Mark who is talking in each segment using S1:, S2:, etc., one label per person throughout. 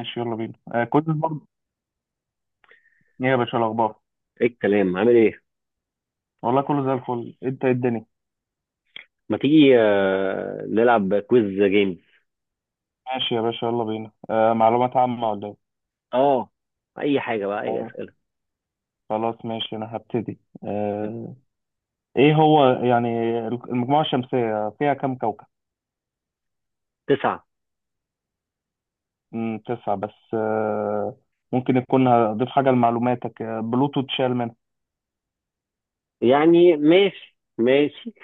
S1: ماشي، يلا بينا. كنت برضه. ايه يا باشا الاخبار؟
S2: ايه الكلام عامل ايه؟
S1: والله كله زي الفل. انت إيه الدنيا؟
S2: ما تيجي نلعب كويز جيمز.
S1: ماشي يا باشا، يلا بينا. معلومات عامة ولا ايه؟
S2: اه. اي حاجه بقى، اي
S1: آه،
S2: اسئله.
S1: خلاص ماشي، انا هبتدي. آه ايه هو يعني؟ المجموعة الشمسية فيها كم كوكب؟
S2: تسعه.
S1: تسعة بس. ممكن يكون هضيف حاجة لمعلوماتك، بلوتو اتشال منها.
S2: يعني ماشي ماشي.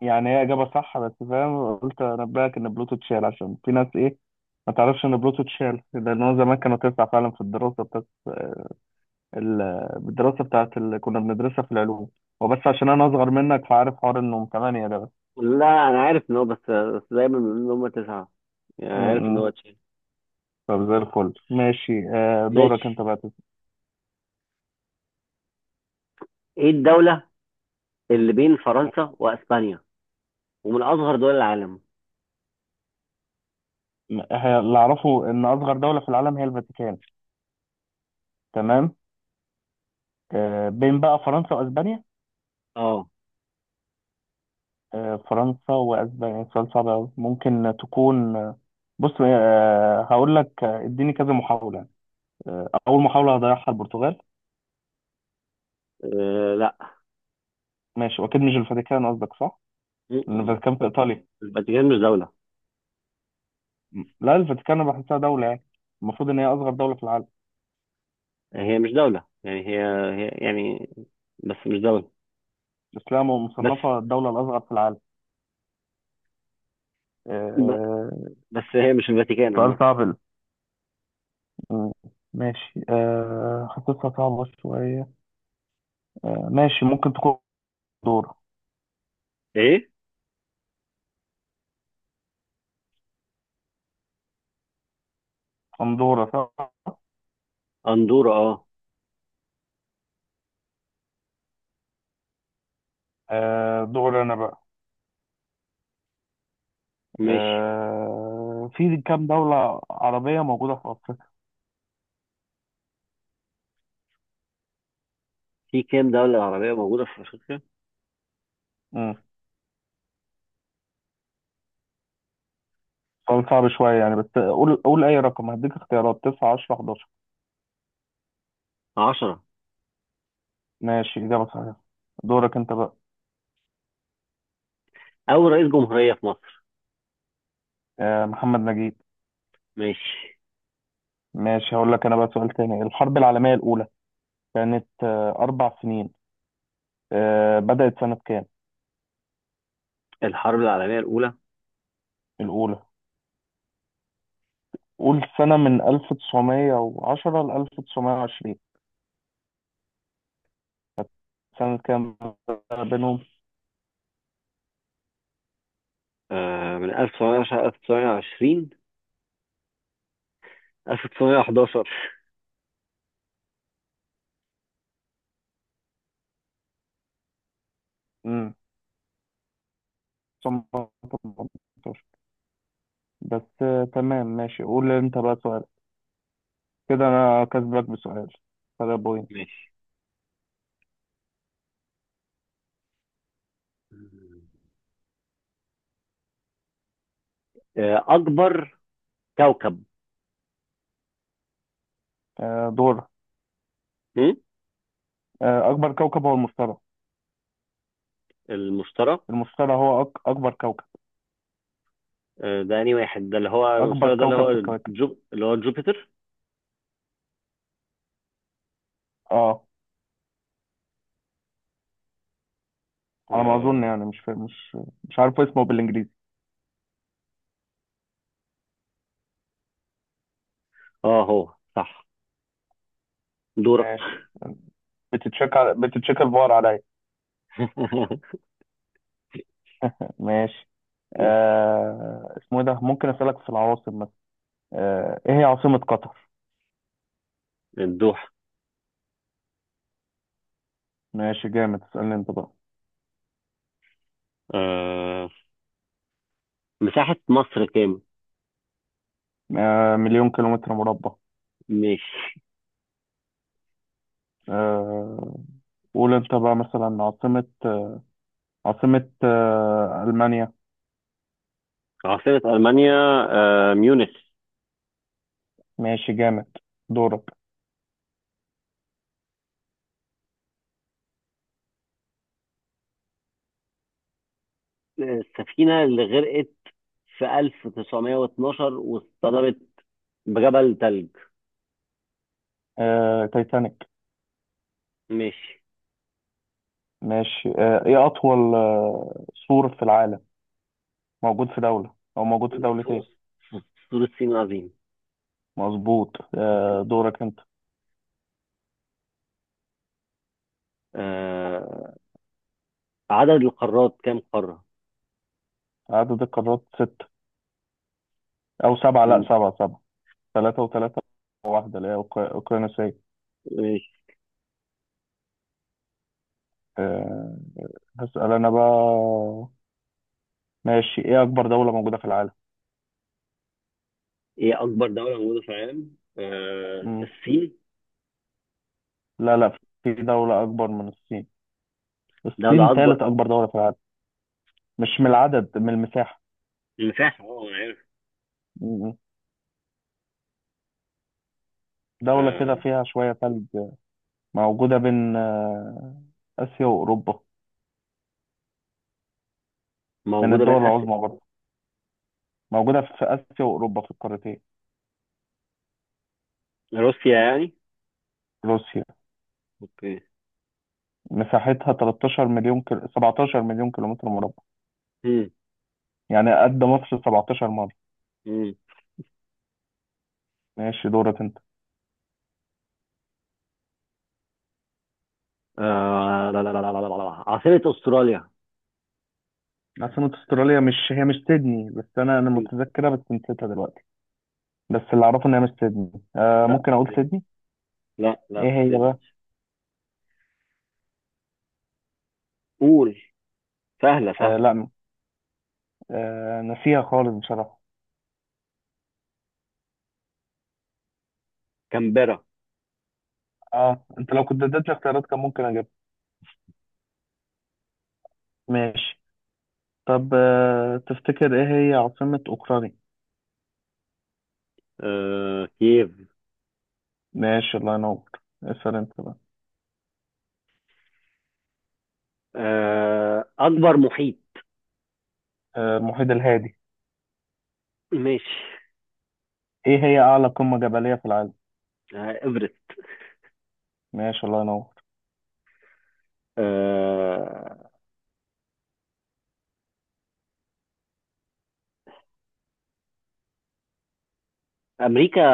S1: يعني هي إجابة صح، بس فاهم، قلت أنبهك إن بلوتو اتشال عشان في ناس، إيه، ما تعرفش إن بلوتو اتشال، لأن هو زمان كانوا تسعة فعلا في الدراسة بس. بالدراسه بتاعت اللي كنا بندرسها في العلوم. وبس، عشان انا اصغر منك فعارف حوار انهم ثمانيه ده بس.
S2: لا، انا عارف ان هو، بس دايما بيقولوا ان هم تسعه. يعني
S1: م-
S2: عارف ان
S1: م.
S2: هو تشيل.
S1: طب زي الفل ماشي. دورك انت
S2: ماشي.
S1: بقى
S2: ايه الدوله اللي بين فرنسا واسبانيا ومن اصغر دول العالم؟
S1: اللي اعرفه ان اصغر دوله في العالم هي الفاتيكان. تمام. بين بقى فرنسا واسبانيا.
S2: اه.
S1: فرنسا واسبانيا سؤال صعب أوي. ممكن تكون. بص، هقول لك، اديني كذا محاوله. اول محاوله هضيعها البرتغال.
S2: لا.
S1: ماشي، واكيد مش الفاتيكان قصدك، صح؟ لأن
S2: م-م.
S1: الفاتيكان في ايطاليا.
S2: الفاتيكان مش دوله.
S1: لا، الفاتيكان انا بحسها دولة يعني. المفروض ان هي اصغر دولة في العالم.
S2: هي مش دوله يعني هي يعني، بس مش دوله.
S1: الاسلام
S2: بس
S1: مصنفة الدولة الاصغر في العالم. آه،
S2: ب...
S1: آه،
S2: بس هي مش الفاتيكان
S1: سؤال
S2: عامه.
S1: صعب م- ماشي. حطيتها صعبة شوية. ماشي، ممكن تكون دورة.
S2: ايه،
S1: اندورا، صح.
S2: أندورا. أه،
S1: دور انا بقى.
S2: ماشي.
S1: في كام دولة عربية موجودة في افريقيا؟
S2: في كام دولة عربية موجودة في أفريقيا؟
S1: مم. سؤال صعب شوية يعني، بس قول اي رقم، هديك اختيارات 9 10 11.
S2: 10.
S1: ماشي، اجابة صحيحة. دورك انت بقى.
S2: أول رئيس جمهورية في مصر؟
S1: محمد نجيب.
S2: ماشي.
S1: ماشي، هقول لك انا بقى سؤال تاني. الحرب العالمية الأولى كانت 4 سنين. بدأت سنة كام؟
S2: الحرب العالمية الأولى.
S1: الأولى. قول سنة من 1910 ل 1920. سنة كام بينهم؟
S2: من 1910، 1920. 1911.
S1: امم 1918 بس. تمام ماشي، قول انت بقى سؤال. كده انا كسبك بسؤال، فرق بوينت.
S2: ماشي. أكبر كوكب.
S1: دورك.
S2: هم؟
S1: أكبر كوكب هو المشتري.
S2: المشتري.
S1: المشتري هو أكبر كوكب.
S2: ده أنهي واحد، ده اللي هو
S1: أكبر
S2: المشتري، ده اللي
S1: كوكب في
S2: هو
S1: الكواكب.
S2: جو، اللي هو جوبيتر؟
S1: اه، على ما
S2: آه.
S1: أظن يعني. مش فا- مش مش عارف اسمه بالإنجليزي.
S2: هو صح. دورك.
S1: ماشي. بتتشك الفار عليا. ماشي.
S2: ماشي.
S1: اسمه إيه ده؟ ممكن اسالك في العواصم مثلا. ايه هي عاصمة قطر؟
S2: الدوحة.
S1: ماشي جامد، اسالني انت بقى.
S2: آه مساحة مصر كام؟
S1: مليون كيلومتر مربع.
S2: ماشي.
S1: آه... قول انت بقى مثلا عاصمة. عاصمة المانيا.
S2: عاصمة ألمانيا. ميونخ.
S1: ماشي جامد. دورك.
S2: السفينة اللي غرقت في 1912 واصطدمت بجبل ثلج؟
S1: تايتانيك.
S2: ماشي.
S1: ماشي. ايه اطول سور في العالم؟ موجود في دولة او موجود في
S2: سور
S1: دولتين.
S2: سور الصين العظيم.
S1: مظبوط. دورك انت.
S2: آه، عدد القارات كام قارة؟
S1: عدد القارات ست، او سبعه. لا،
S2: م-
S1: سبعه سبعه. ثلاثه وثلاثه. واحده اللي هي اوكرانيا ساي.
S2: ماشي.
S1: أه، هسال انا بقى. ماشي، ايه اكبر دوله موجوده في العالم؟
S2: ايه أكبر دولة موجودة في العالم؟
S1: مم.
S2: الصين.
S1: لا لا، في دوله اكبر من الصين. الصين
S2: دولة أكبر.
S1: ثالث اكبر دوله في العالم. مش من العدد، من المساحه.
S2: مساحة، أنا عارف.
S1: مم. دوله
S2: آه،
S1: كده فيها شويه ثلج، موجوده بين اسيا واوروبا. من
S2: موجودة بين
S1: الدول
S2: آسيا.
S1: العظمى برضه. موجوده في اسيا واوروبا في القارتين.
S2: روسيا يعني؟
S1: روسيا.
S2: اوكي.
S1: مساحتها 13 مليون كيلو، 17 مليون كيلومتر مربع.
S2: مم.
S1: يعني قد مصر 17 مرة.
S2: مم.
S1: ماشي، دورك انت.
S2: لا لا لا لا لا لا لا. عاصمة أستراليا؟
S1: عاصمة استراليا، مش هي مش سيدني، بس انا متذكرة بس نسيتها دلوقتي. بس اللي اعرفه ان هي مش سيدني.
S2: لا،
S1: ممكن اقول
S2: سيدني.
S1: سيدني.
S2: لا لا،
S1: ايه هي بقى؟
S2: سيدني. قول. سهلة سهلة.
S1: لا. نسيها خالص بصراحة.
S2: كامبرا.
S1: اه، انت لو كنت اديتني اختيارات كان ممكن اجيبها. ماشي. طب تفتكر ايه هي عاصمة اوكرانيا؟
S2: كييف.
S1: ماشي، الله ينور. اسأل انت بقى.
S2: أكبر محيط.
S1: المحيط الهادي.
S2: ماشي.
S1: ايه هي اعلى قمة جبلية في العالم؟
S2: إيفرست.
S1: ماشي، الله ينور.
S2: آه أمريكا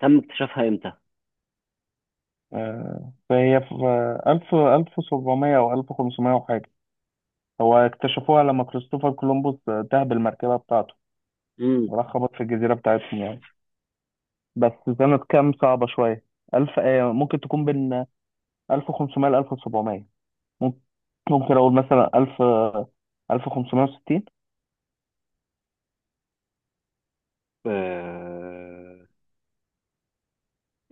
S2: تم اكتشافها إمتى؟
S1: فهي في ألف، ألف سبعمية، أو ألف خمسمية وحاجة. هو اكتشفوها لما كريستوفر كولومبوس تاه بالمركبة بتاعته،
S2: مم.
S1: وراح خبط في الجزيرة بتاعتهم يعني. بس. سنة كام صعبة شوية. ألف، ممكن تكون بين 1500 ل 1700. ممكن ممكن أقول مثلا 1000 1560.
S2: آه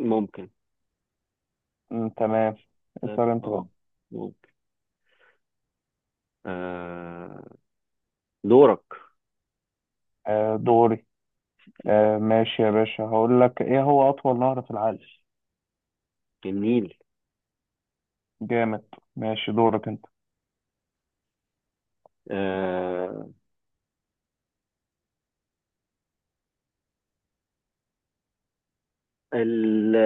S2: ممكن.
S1: تمام.
S2: طيب،
S1: اسأل أنت بقى.
S2: ممكن. آه دورك.
S1: دوري. ماشي يا باشا، هقول لك إيه هو أطول نهر في العالم.
S2: جميل.
S1: جامد. ماشي، دورك أنت.
S2: آه ال-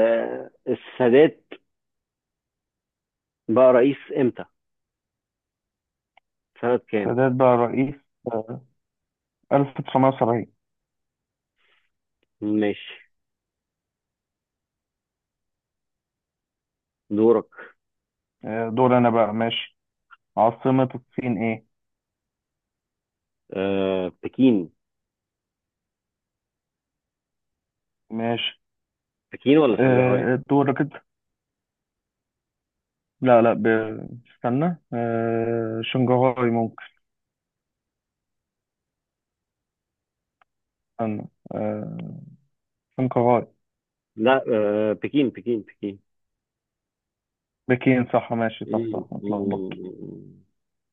S2: السادات بقى رئيس إمتى؟ سنة كام؟
S1: سادات بقى رئيس آه، 1970.
S2: ماشي. دورك.
S1: دور أنا بقى ماشي. عاصمة الصين إيه؟
S2: بكين.
S1: ماشي.
S2: بكين ولا شنغهاي؟
S1: دور كده. لا لا، استنى. شنغهاي ممكن. استنى. آه، شنغهاي.
S2: لا، بكين بكين بكين.
S1: بكين، صح. ماشي، صح
S2: مم،
S1: صح،
S2: مم،
S1: اتلخبط.
S2: مم.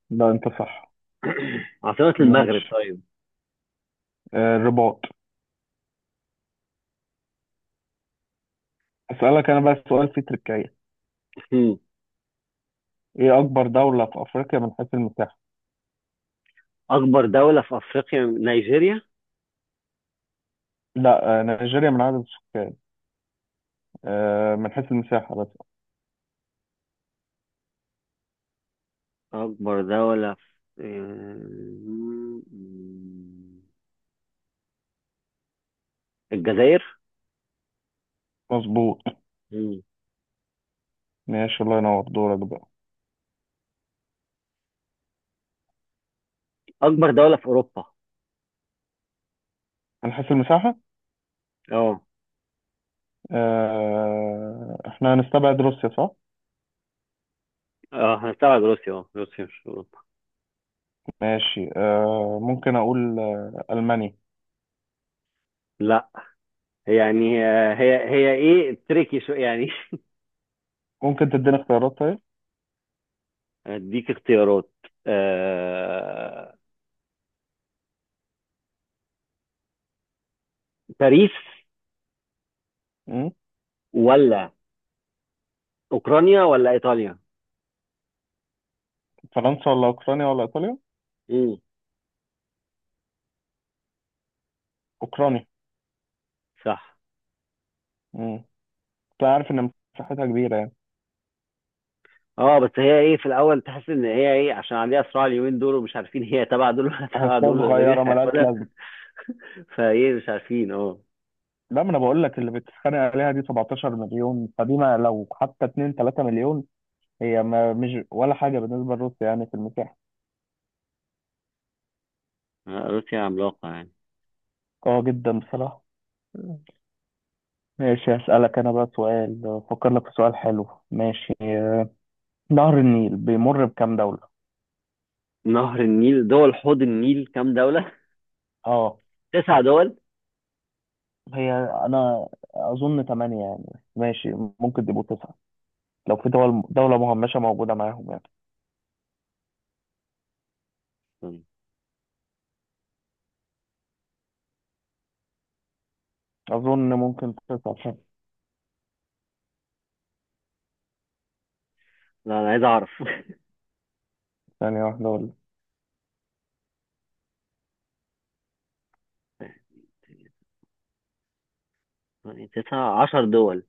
S1: لا، انت صح.
S2: عاصمة المغرب
S1: ماشي.
S2: طيب.
S1: الرباط. اسألك انا بقى سؤال فيه تركية.
S2: مم.
S1: ايه اكبر دولة في افريقيا من حيث المساحة؟
S2: أكبر دولة في أفريقيا، نيجيريا.
S1: لا، نيجيريا من عدد السكان. من حيث المساحة بس.
S2: أكبر دولة في الجزائر.
S1: مظبوط.
S2: مم.
S1: ماشي، الله ينور، دورك بقى.
S2: أكبر دولة في أوروبا؟
S1: من حيث المساحة.
S2: اه.
S1: احنا هنستبعد روسيا، صح.
S2: اه، هنستبعد روسيا. اه روسيا مش في أوروبا.
S1: ماشي. ممكن أقول ألمانيا.
S2: لا. يعني هي ايه، تريكي شو يعني.
S1: ممكن تديني اختيارات طيب.
S2: اديك اختيارات. آه... باريس.
S1: مم.
S2: ولا اوكرانيا ولا ايطاليا؟
S1: فرنسا ولا أوكرانيا ولا إيطاليا؟
S2: امم
S1: أوكرانيا.
S2: صح.
S1: مم. أنت عارف إن مساحتها كبيرة يعني.
S2: اه، بس هي ايه، في الاول تحس ان هي ايه عشان عليها صراع اليومين دول، ومش عارفين هي تبع دول ولا تبع
S1: أحسها
S2: دول ولا مين
S1: صغيرة ملهاش
S2: هياخدها.
S1: لازمة.
S2: فايه، مش عارفين، اه.
S1: لا، ما أنا بقول لك، اللي بتتخانق عليها دي 17 مليون. فدي ما لو حتى 2 3 مليون، هي ما مش ولا حاجة بالنسبة لروسيا يعني في المساحة.
S2: روسيا عملاقة يعني.
S1: قوية جدا بصراحة. مم. ماشي، هسألك أنا بقى سؤال. أفكر لك في سؤال حلو. ماشي. نهر النيل بيمر بكام دولة؟
S2: نهر النيل دول حوض النيل كام دولة؟
S1: اه،
S2: تسع دول.
S1: هي انا اظن 8 يعني. ماشي، ممكن تبقوا 9 لو في دول دولة مهمشة موجودة معاهم يعني.
S2: استنى.
S1: اظن ممكن 9 صح.
S2: لا، انا عايز اعرف.
S1: ثانية واحدة ولا
S2: يعني 19 دول.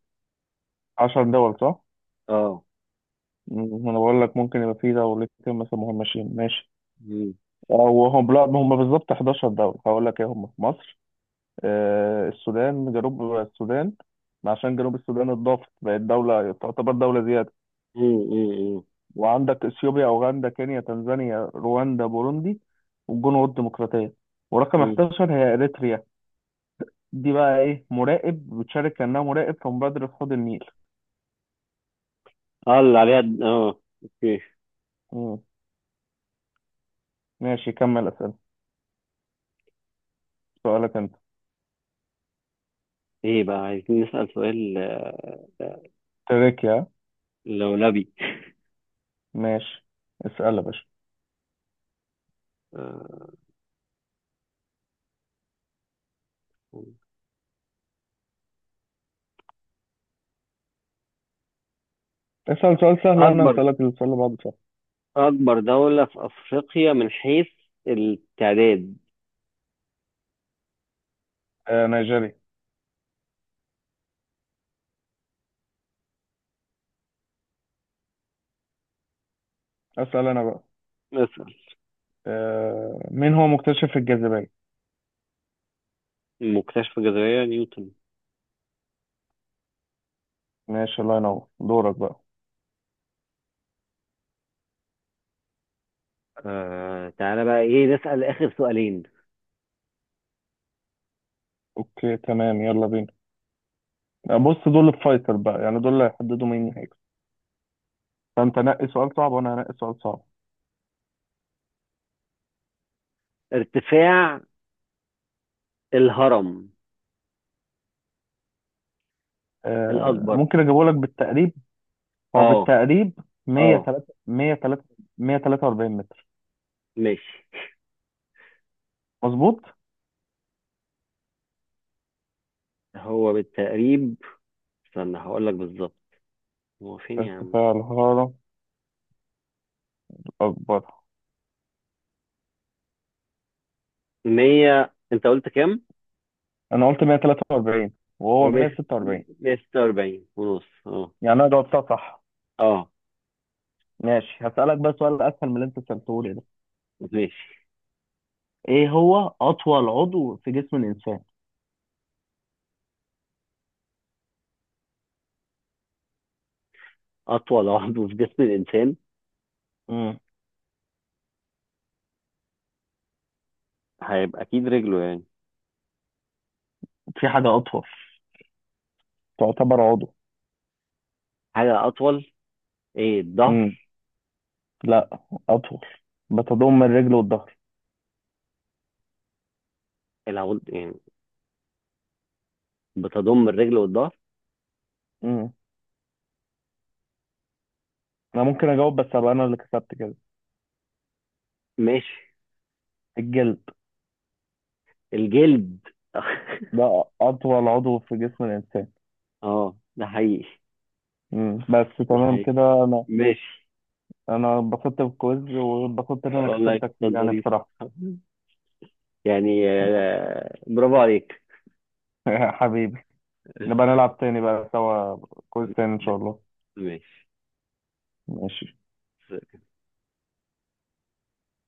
S1: 10 دول صح؟
S2: اه.
S1: انا بقول لك ممكن يبقى في دولتين مثلا مهمشين. ماشي،
S2: مم.
S1: او هم لا، هم بالظبط 11 دولة. هقول لك ايه هم: مصر، السودان، جنوب السودان. عشان جنوب السودان اتضافت، بقت دولة، تعتبر دولة زيادة.
S2: مم، مم، مم،
S1: وعندك اثيوبيا، اوغندا، كينيا، تنزانيا، رواندا، بوروندي، والجنوب الديمقراطيه. ورقم
S2: مم.
S1: 11 هي اريتريا. دي بقى ايه، مراقب، بتشارك كانها مراقب في مبادره حوض النيل.
S2: اه، اللي عليها اه، اوكي.
S1: مم. ماشي، كمل اسئله. سؤالك انت.
S2: ايه بقى، عايزين نسأل سؤال
S1: تركيا.
S2: لولبي.
S1: ماشي، اسال يا باشا.
S2: آه،
S1: اسال سؤال سهل وانا
S2: أكبر
S1: هسالك السؤال اللي بعده سهل.
S2: أكبر دولة في أفريقيا من حيث التعداد؟
S1: نيجيريا. اسال انا بقى.
S2: نسأل.
S1: مين هو مكتشف الجاذبيه؟
S2: مكتشف الجاذبية نيوتن.
S1: ماشي، الله ينور، دورك بقى.
S2: تعالى بقى، إيه، نسأل آخر سؤالين.
S1: اوكي تمام، يلا بينا. بص، دول الفايتر بقى يعني، دول اللي هيحددوا مين. فانت نقي سؤال صعب وانا هنقي سؤال صعب.
S2: ارتفاع الهرم الأكبر؟
S1: ممكن اجيبه لك بالتقريب. هو
S2: أه،
S1: بالتقريب
S2: أه.
S1: 103 103 143 متر.
S2: ماشي.
S1: مظبوط.
S2: هو بالتقريب. استنى، هقول لك بالظبط. هو فين يا عم؟
S1: ارتفاع الحرارة الأكبر.
S2: 100، أنت قلت كام؟
S1: أنا قلت 143 وهو
S2: هو
S1: 146.
S2: 146 ونص. أه.
S1: يعني أنا جاوبتها صح.
S2: أه.
S1: ماشي، هسألك بقى سؤال أسهل من اللي أنت سألته لي ده.
S2: ماشي.
S1: إيه هو أطول عضو في جسم الإنسان؟
S2: أطول عضو في جسم الإنسان؟
S1: مم.
S2: هيبقى أكيد رجله يعني.
S1: في حاجة أطول، تعتبر عضو.
S2: حاجة أطول؟ ايه،
S1: مم.
S2: الظهر؟
S1: لا، أطول، بتضم الرجل والظهر.
S2: العود يعني. بتضم الرجل والظهر.
S1: مم. أنا ممكن أجاوب، بس أبقى أنا اللي كسبت كده.
S2: ماشي.
S1: الجلد.
S2: الجلد.
S1: ده أطول عضو في جسم الإنسان.
S2: اه، ده حقيقي.
S1: مم. بس
S2: ده
S1: تمام
S2: حقيقي.
S1: كده، أنا
S2: ماشي.
S1: أنا اتبسطت بالكويز، واتبسطت إن أنا
S2: والله
S1: كسبتك فيه
S2: كان
S1: يعني
S2: ظريف.
S1: بصراحة.
S2: يعني، برافو عليك.
S1: حبيبي. نبقى نلعب تاني بقى سوا كويز تاني إن شاء الله.
S2: ماشي
S1: ماشي